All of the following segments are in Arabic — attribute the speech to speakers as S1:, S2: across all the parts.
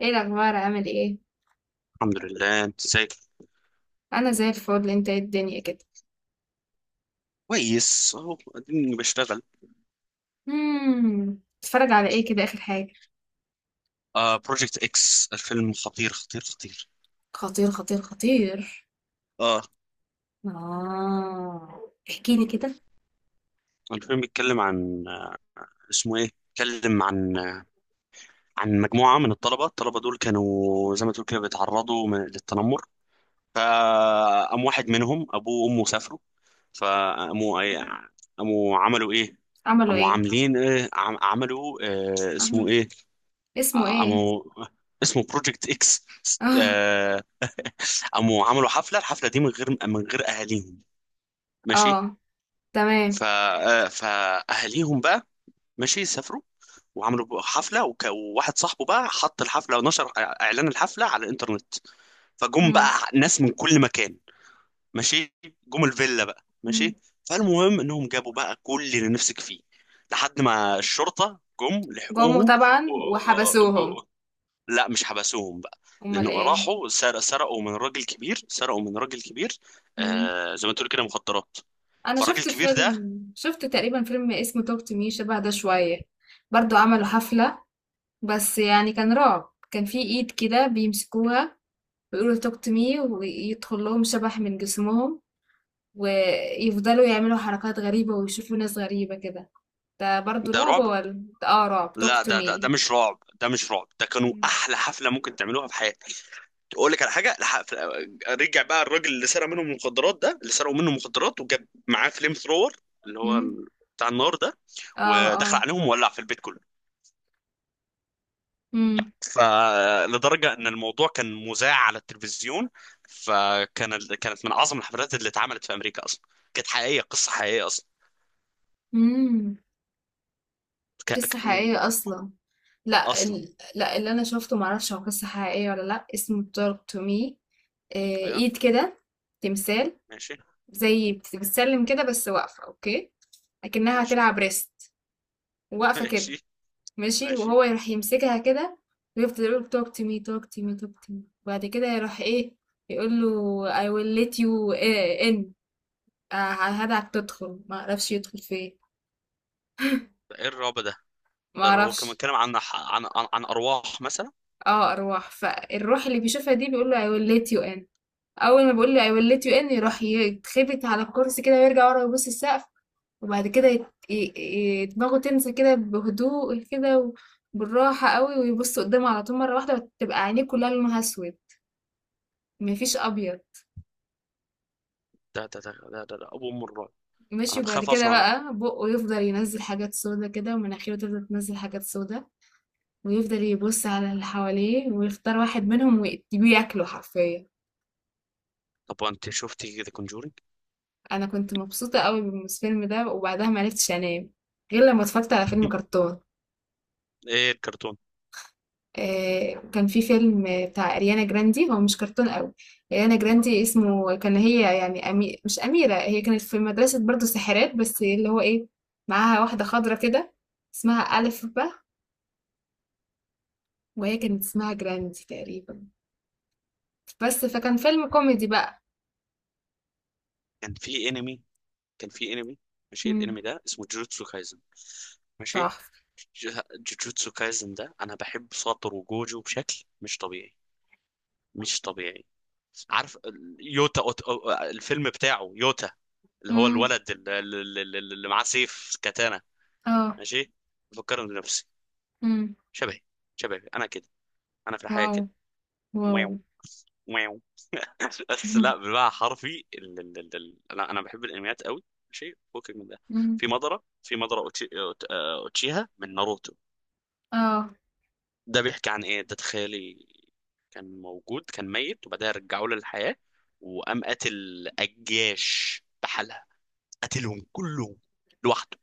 S1: ايه الاخبار؟ عامل ايه؟
S2: الحمد لله، انت ازيك؟
S1: انا زي الفل. انت ايه الدنيا كده؟
S2: كويس اهو، اديني بشتغل.
S1: اتفرج على ايه كده اخر حاجه؟
S2: بروجكت اكس، الفيلم خطير خطير خطير.
S1: خطير خطير خطير.
S2: اه.
S1: آه، احكي لي كده.
S2: الفيلم بيتكلم عن اسمه ايه؟ بيتكلم عن عن مجموعة من الطلبة دول، كانوا زي ما تقول كده بيتعرضوا للتنمر. فقام واحد منهم ابوه وامه سافروا، فقاموا ايه؟ قاموا عملوا ايه؟
S1: عملوا
S2: قاموا
S1: ايه؟
S2: عاملين ايه؟ عملوا اسمه
S1: عمل.
S2: ايه؟
S1: اسمه ايه؟
S2: قاموا، اسمه بروجكت اكس.
S1: اه،
S2: قاموا عملوا حفله، الحفله دي من غير اهاليهم. ماشي.
S1: اه.
S2: ف
S1: تمام.
S2: آه، فاهاليهم بقى، ماشي سافروا وعملوا حفله وواحد صاحبه بقى حط الحفله ونشر اعلان الحفله على الانترنت، فجم بقى
S1: امم.
S2: ناس من كل مكان. ماشي، جم الفيلا بقى،
S1: أمم.
S2: ماشي. فالمهم انهم جابوا بقى كل اللي نفسك فيه لحد ما الشرطه جم
S1: جم
S2: لحقوهم. و...
S1: طبعا وحبسوهم.
S2: لا، مش حبسوهم بقى،
S1: امال
S2: لانه
S1: ايه؟
S2: راحوا سرقوا من راجل كبير، سرقوا من راجل كبير.
S1: امم.
S2: زي ما تقول كده مخدرات.
S1: انا
S2: فالراجل
S1: شفت
S2: الكبير ده.
S1: فيلم تقريبا فيلم اسمه توك تو مي، شبه ده شويه. برضو عملوا حفله، بس يعني كان رعب. كان في ايد كده بيمسكوها ويقولوا توك تو مي، ويدخل لهم شبح من جسمهم، ويفضلوا يعملوا حركات غريبة ويشوفوا ناس غريبة كده. ده برضو
S2: ده
S1: رعب
S2: رعب.
S1: ولا؟ ده رعب توك
S2: لا،
S1: تو
S2: ده
S1: مي.
S2: مش رعب، ده مش رعب، ده كانوا احلى حفله ممكن تعملوها في حياتك. اقول لك على حاجه. رجع بقى الراجل اللي سرق منهم المخدرات، ده اللي سرقوا منه المخدرات، وجاب معاه فليم ثرور، اللي هو بتاع النار ده،
S1: اه،
S2: ودخل
S1: اه.
S2: عليهم وولع في البيت كله.
S1: مم.
S2: فلدرجة ان الموضوع كان مذاع على التلفزيون، كانت من اعظم الحفلات اللي اتعملت في امريكا اصلا، كانت حقيقية، قصة حقيقية اصلا.
S1: مم.
S2: ك...
S1: قصة
S2: ك... و-
S1: حقيقية أصلا. لا
S2: اصلا.
S1: ال... لا اللي أنا شفته معرفش هو قصة حقيقية ولا لأ، اسمه توك تو مي.
S2: أيوة.
S1: إيد كده. تمثال.
S2: ماشي.
S1: زي بتسلم كده، بس واقفة. أوكي. أكنها
S2: ماشي.
S1: هتلعب ريست. واقفة كده.
S2: ماشي.
S1: ماشي،
S2: ماشي.
S1: وهو يروح يمسكها كده، ويفضل يقول talk to me talk to me talk to me، وبعد كده يروح ايه، يقول له I will let you in. هدعك تدخل، ما اعرفش يدخل فين.
S2: ايه الرعب ده؟
S1: ما
S2: ده هو كان
S1: اعرفش.
S2: بيتكلم عن عن عن ارواح مثلا.
S1: اه، ارواح. فالروح اللي بيشوفها دي بيقول له I will let you in. اول ما بيقول له I will let you in يروح يتخبط على الكرسي كده، ويرجع ورا، يبص السقف. وبعد كده دماغه تنسى كده بهدوء كده، وبالراحة قوي، ويبص قدامه على طول مرة واحدة، وتبقى عينيه كلها لونها اسود، مفيش ابيض.
S2: ده ابو ام الرعب.
S1: ماشي،
S2: انا
S1: وبعد
S2: بخاف
S1: كده
S2: اصلا منه.
S1: بقى بقه يفضل ينزل حاجات سودا كده، ومناخيره تفضل تنزل حاجات سودا، ويفضل يبص على اللي حواليه ويختار واحد منهم ويديه ياكله حرفيا.
S2: طب وانت شفتي ذا كونجورينج؟
S1: انا كنت مبسوطه قوي بالفيلم ده، وبعدها ما عرفتش انام غير لما اتفرجت على فيلم كرتون.
S2: ايه الكرتون؟
S1: كان في فيلم بتاع اريانا جراندي، هو مش كرتون قوي. اريانا جراندي اسمه كان هي يعني مش اميره. هي كانت في مدرسه برضو ساحرات، بس اللي هو ايه، معاها واحده خضرة كده اسمها ألف ب، وهي كانت اسمها جراندي تقريبا. بس فكان فيلم كوميدي بقى.
S2: كان في انمي كان في انمي. ماشي،
S1: امم.
S2: الانمي ده اسمه جوجوتسو كايزن. ماشي.
S1: تحفة.
S2: جوجوتسو كايزن ده، انا بحب ساتور وجوجو بشكل مش طبيعي، مش طبيعي. عارف يوتا؟ الفيلم بتاعه يوتا، اللي هو
S1: امم.
S2: الولد اللي معاه سيف كاتانا.
S1: اه.
S2: ماشي. بفكرني بنفسي،
S1: امم.
S2: شبهي، شبهي انا كده، انا في الحياة
S1: واو.
S2: كده.
S1: واو.
S2: واو. واو. بس لا، بالمعنى حرفي انا بحب الانميات قوي، شيء فوق من ده.
S1: امم.
S2: في مضرة، أوتشي... أوت- آه، اوتشيها من ناروتو.
S1: اه.
S2: ده بيحكي عن ايه ده، تخيلي. كان موجود، كان ميت، وبعدها رجعوه للحياة وقام قتل الجيش بحالها، قتلهم كلهم لوحده،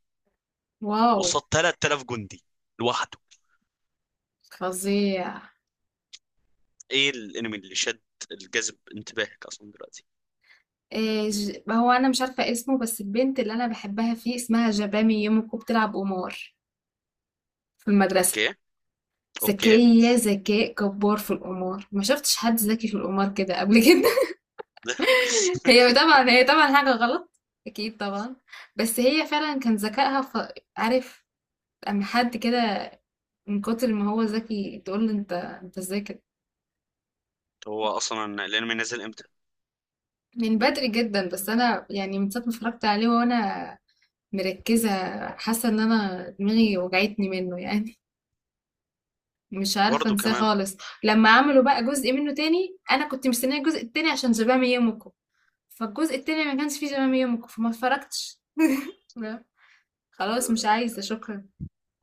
S1: واو.
S2: قصاد 3000 جندي لوحده.
S1: فظيع.
S2: ايه الانمي اللي شد الجذب انتباهك اصلا دلوقتي؟
S1: إيه، هو انا مش عارفه اسمه، بس البنت اللي انا بحبها فيه اسمها جبامي يوميكو، بتلعب قمار في المدرسه.
S2: اوكي. اوكي.
S1: ذكيه ذكاء جبار في القمار، ما شفتش حد ذكي في القمار كده قبل كده. هي طبعا هي طبعا حاجة غلط، أكيد طبعا. بس هي فعلا كان ذكائها. عارف، أما حد كده، من كتر ما هو ذكي تقول له أنت إزاي كده.
S2: هو اصلا الانمي نزل امتى؟
S1: من بدري جدا، بس أنا يعني من ساعة ما اتفرجت عليه وأنا مركزة، حاسة إن أنا دماغي وجعتني منه يعني، مش عارفة
S2: برضه
S1: أنساه
S2: كمان.
S1: خالص. لما عملوا بقى جزء منه تاني، أنا كنت مستنية الجزء التاني عشان جبام يومكو، فالجزء التاني ما كانش فيه جبام يومكو، فما اتفرجتش. لا، خلاص، مش عايزة، شكرا.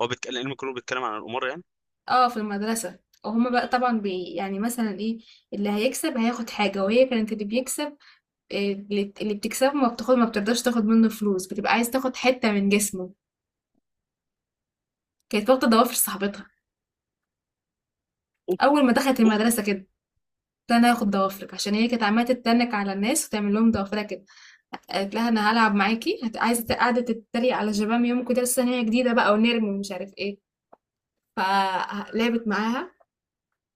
S2: هو بيتكلم الانمي كله بيتكلم عن القمار يعني؟
S1: اه، في المدرسة. وهما بقى طبعا يعني مثلا ايه، اللي هيكسب هياخد حاجة، وهي كانت اللي بيكسب إيه، اللي بتكسبه ما بتاخد، ما بترضاش تاخد منه فلوس، بتبقى عايز تاخد حتة من جسمه. كانت واخدة ضوافر صاحبتها.
S2: اوف.
S1: أول ما دخلت
S2: اوف.
S1: المدرسة كده قلت لها انا هاخد ضوافرك، عشان هي كانت عمالة تتنك على الناس وتعمل لهم ضوافرها كده. قالت لها انا هلعب معاكي، عايزة قاعدة تتريق على شباب يوم كده، لسه إن هي جديدة بقى ونرمي ومش عارف ايه. فلعبت معاها،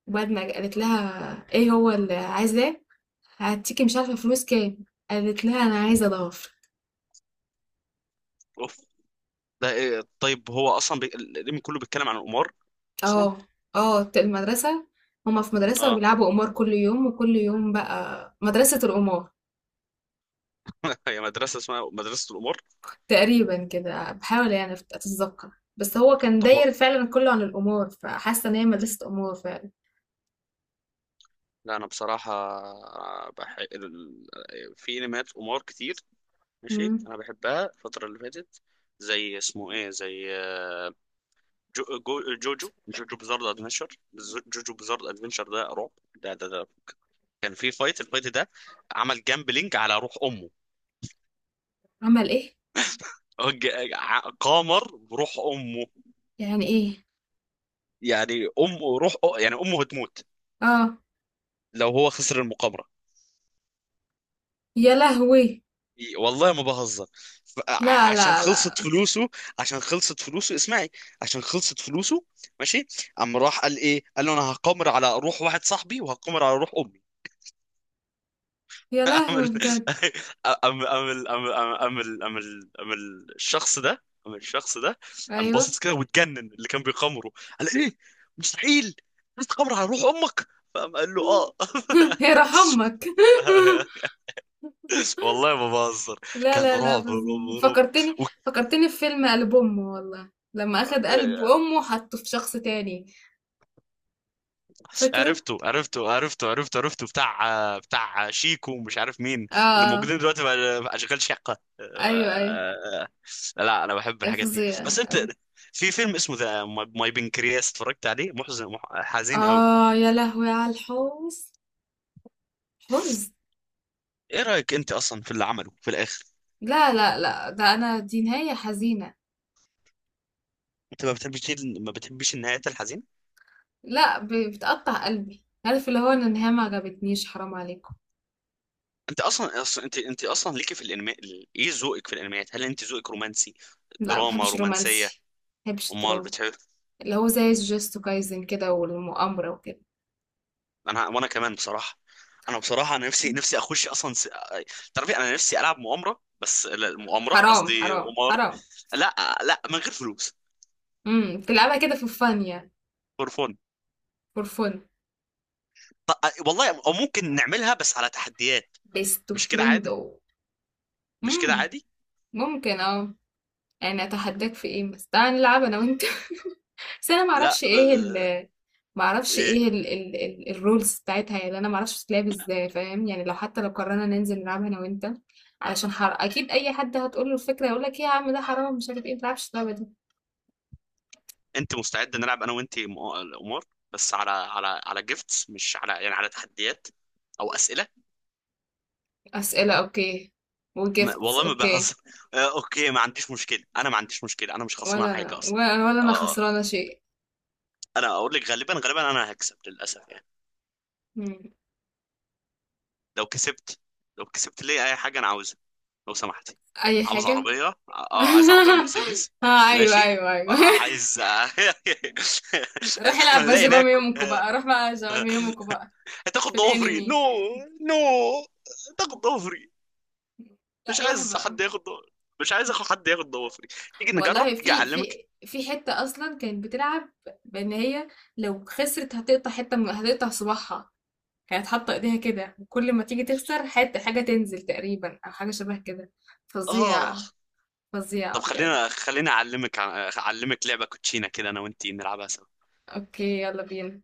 S1: وبدمج قالت لها ايه هو اللي عايزاه، هديكي مش عارفه فلوس كام. قالت لها انا عايزه ضعف.
S2: اوف. ده ايه؟ طيب هو اصلا الانمي كله بيتكلم عن القمار اصلا.
S1: اه، اه. المدرسه. هما في مدرسه،
S2: اه.
S1: وبيلعبوا قمار كل يوم، وكل يوم بقى مدرسه القمار.
S2: هي مدرسه اسمها مدرسه القمار؟
S1: تقريبا كده، بحاول يعني اتذكر، بس هو كان
S2: طب هو...
S1: داير فعلا كله عن القمار، فحاسه ان هي مدرسه قمار فعلا.
S2: لا، انا بصراحه بح... ال- في انميات قمار كتير. ماشي،
S1: مم.
S2: انا بحبها الفتره اللي فاتت. زي اسمه ايه؟ زي جو... جو... جوجو جوجو بزارد ادفنشر. جوجو بزارد ادفنشر ده رعب، ده كان في فايت، الفايت ده عمل جامبلينج على روح امه.
S1: عمل ايه؟
S2: قمر بروح امه.
S1: يعني ايه؟
S2: يعني امه روح، يعني امه هتموت
S1: اه.
S2: لو هو خسر المقامرة.
S1: يا لهوي.
S2: والله ما بهزر.
S1: لا،
S2: عشان
S1: لا،
S2: خلصت
S1: لا.
S2: فلوسه، عشان خلصت فلوسه اسمعي، عشان خلصت فلوسه. ماشي، قام راح قال ايه؟ قال له انا هقامر على روح واحد صاحبي وهقامر على روح امي.
S1: يا
S2: قام
S1: لهوي،
S2: ال-
S1: بجد.
S2: قام قام ال- قام قام قام ال- قام ال- قام ال- الشخص ده، قام الشخص ده قام
S1: ايوه.
S2: باصص كده واتجنن اللي كان بيقامره، قال ايه؟ مستحيل! انت تقامر على روح امك؟ فقام قال له اه.
S1: مم. يا رحمك.
S2: والله ما بهزر،
S1: لا،
S2: كان
S1: لا، لا،
S2: رعب
S1: فظيع،
S2: رعب رعب.
S1: فكرتني.
S2: و...
S1: فكرتني في فيلم قلب امه، والله لما اخد قلب
S2: آه،
S1: امه وحطه في شخص تاني. فاكره.
S2: عرفته، عرفته، عرفته، عرفته، عرفته، بتاع شيكو ومش عارف مين،
S1: اه.
S2: اللي
S1: آه.
S2: موجودين دلوقتي بقى، اشغال شقة.
S1: ايوه، ايوه.
S2: لا، انا بحب
S1: اي
S2: الحاجات دي
S1: فظيع.
S2: بس انت.
S1: أيوة.
S2: في فيلم اسمه ذا ماي بنكرياس اتفرجت عليه، محزن، حزين قوي.
S1: اه، يا لهوي على الحزن. حزن.
S2: ايه رأيك انت اصلا في اللي عمله في الاخر؟
S1: لا، لا، لا، ده انا دي نهاية حزينة.
S2: انت ما بتحبش، ما بتحبش النهايات الحزينة.
S1: لا، بتقطع قلبي. عارف اللي هو ان النهاية ما عجبتنيش، حرام عليكم.
S2: انت اصلا ليكي في الانمي، ايه ذوقك في الانميات؟ هل انت ذوقك رومانسي؟
S1: لا، ما
S2: دراما
S1: بحبش
S2: رومانسية؟
S1: رومانسي. ما بحبش
S2: امال
S1: الدراما.
S2: بتحب؟
S1: اللي هو زي جوجوتسو كايزن كده، والمؤامرة وكده.
S2: وانا كمان بصراحه. انا بصراحه، انا نفسي اخش اصلا. تعرفي انا نفسي العب مؤامره، بس لا، مؤامره
S1: حرام،
S2: قصدي
S1: حرام،
S2: قمار.
S1: حرام.
S2: لا، لا، من غير فلوس.
S1: امم. تلعبها كده في الفن يعني.
S2: فور فون.
S1: فور فن.
S2: والله، او ممكن نعملها بس على تحديات.
S1: بيست
S2: مش كده
S1: فريند
S2: عادي،
S1: او.
S2: مش كده
S1: امم.
S2: عادي.
S1: ممكن، اه. يعني اتحداك في ايه، بس تعالى نلعب انا وانت. بس انا
S2: لا
S1: معرفش
S2: ب...
S1: ايه
S2: ب-
S1: ال، معرفش
S2: إيه.
S1: ايه ال الرولز بتاعتها يعني، انا معرفش بتتلعب ازاي فاهم يعني، لو حتى لو قررنا ننزل نلعبها انا وانت. علشان اكيد اي حد هتقول له الفكره هيقول لك ايه يا عم، ده حرام مش عارف ايه، ما تلعبش اللعبه دي.
S2: انت مستعد نلعب انا وانت قمار؟ بس على جيفتس، مش على يعني على تحديات او اسئله.
S1: اسئله، اوكي.
S2: ما...
S1: وجيفتس،
S2: والله ما
S1: اوكي.
S2: بهزر. اوكي ما عنديش مشكله، انا ما عنديش مشكله، انا مش خسران
S1: ولا انا،
S2: حاجه اصلا.
S1: ولا انا
S2: آه،
S1: خسرانه شيء.
S2: انا اقول لك غالبا، غالبا انا هكسب للاسف يعني.
S1: مم.
S2: لو كسبت، لي اي حاجه انا عاوزها، لو سمحتي.
S1: اي
S2: عاوز
S1: حاجه.
S2: عربيه، اه. عايز عربيه مرسيدس.
S1: اه، ايوه،
S2: ماشي.
S1: ايوه، ايوه.
S2: عايز.
S1: روح
S2: لما
S1: العب بقى
S2: نلاقي
S1: زمام
S2: ناكل.
S1: يومكم بقى، روح بقى زمام يومكم بقى.
S2: هتاخد
S1: في
S2: ضوافري؟ نو.
S1: الانمي.
S2: نو، هتاخد ضوافري.
S1: لا،
S2: مش
S1: روح
S2: عايز
S1: بقى.
S2: حد ياخد ضوافري، مش عايز اخد حد ياخد ضوافري، تيجي نجرب،
S1: والله
S2: تيجي
S1: في
S2: اعلمك.
S1: حتة اصلا كانت بتلعب، بان هي لو خسرت هتقطع حتة من، هتقطع صباعها. كانت حاطة ايديها كده، وكل ما تيجي تخسر حتة، حاجة تنزل تقريبا، او حاجة شبه كده.
S2: اه.
S1: فظيعة.
S2: طب
S1: فظيعة بجد.
S2: خلينا اعلمك لعبه كوتشينه كده، انا وانتي نلعبها.
S1: اوكي، يلا بينا.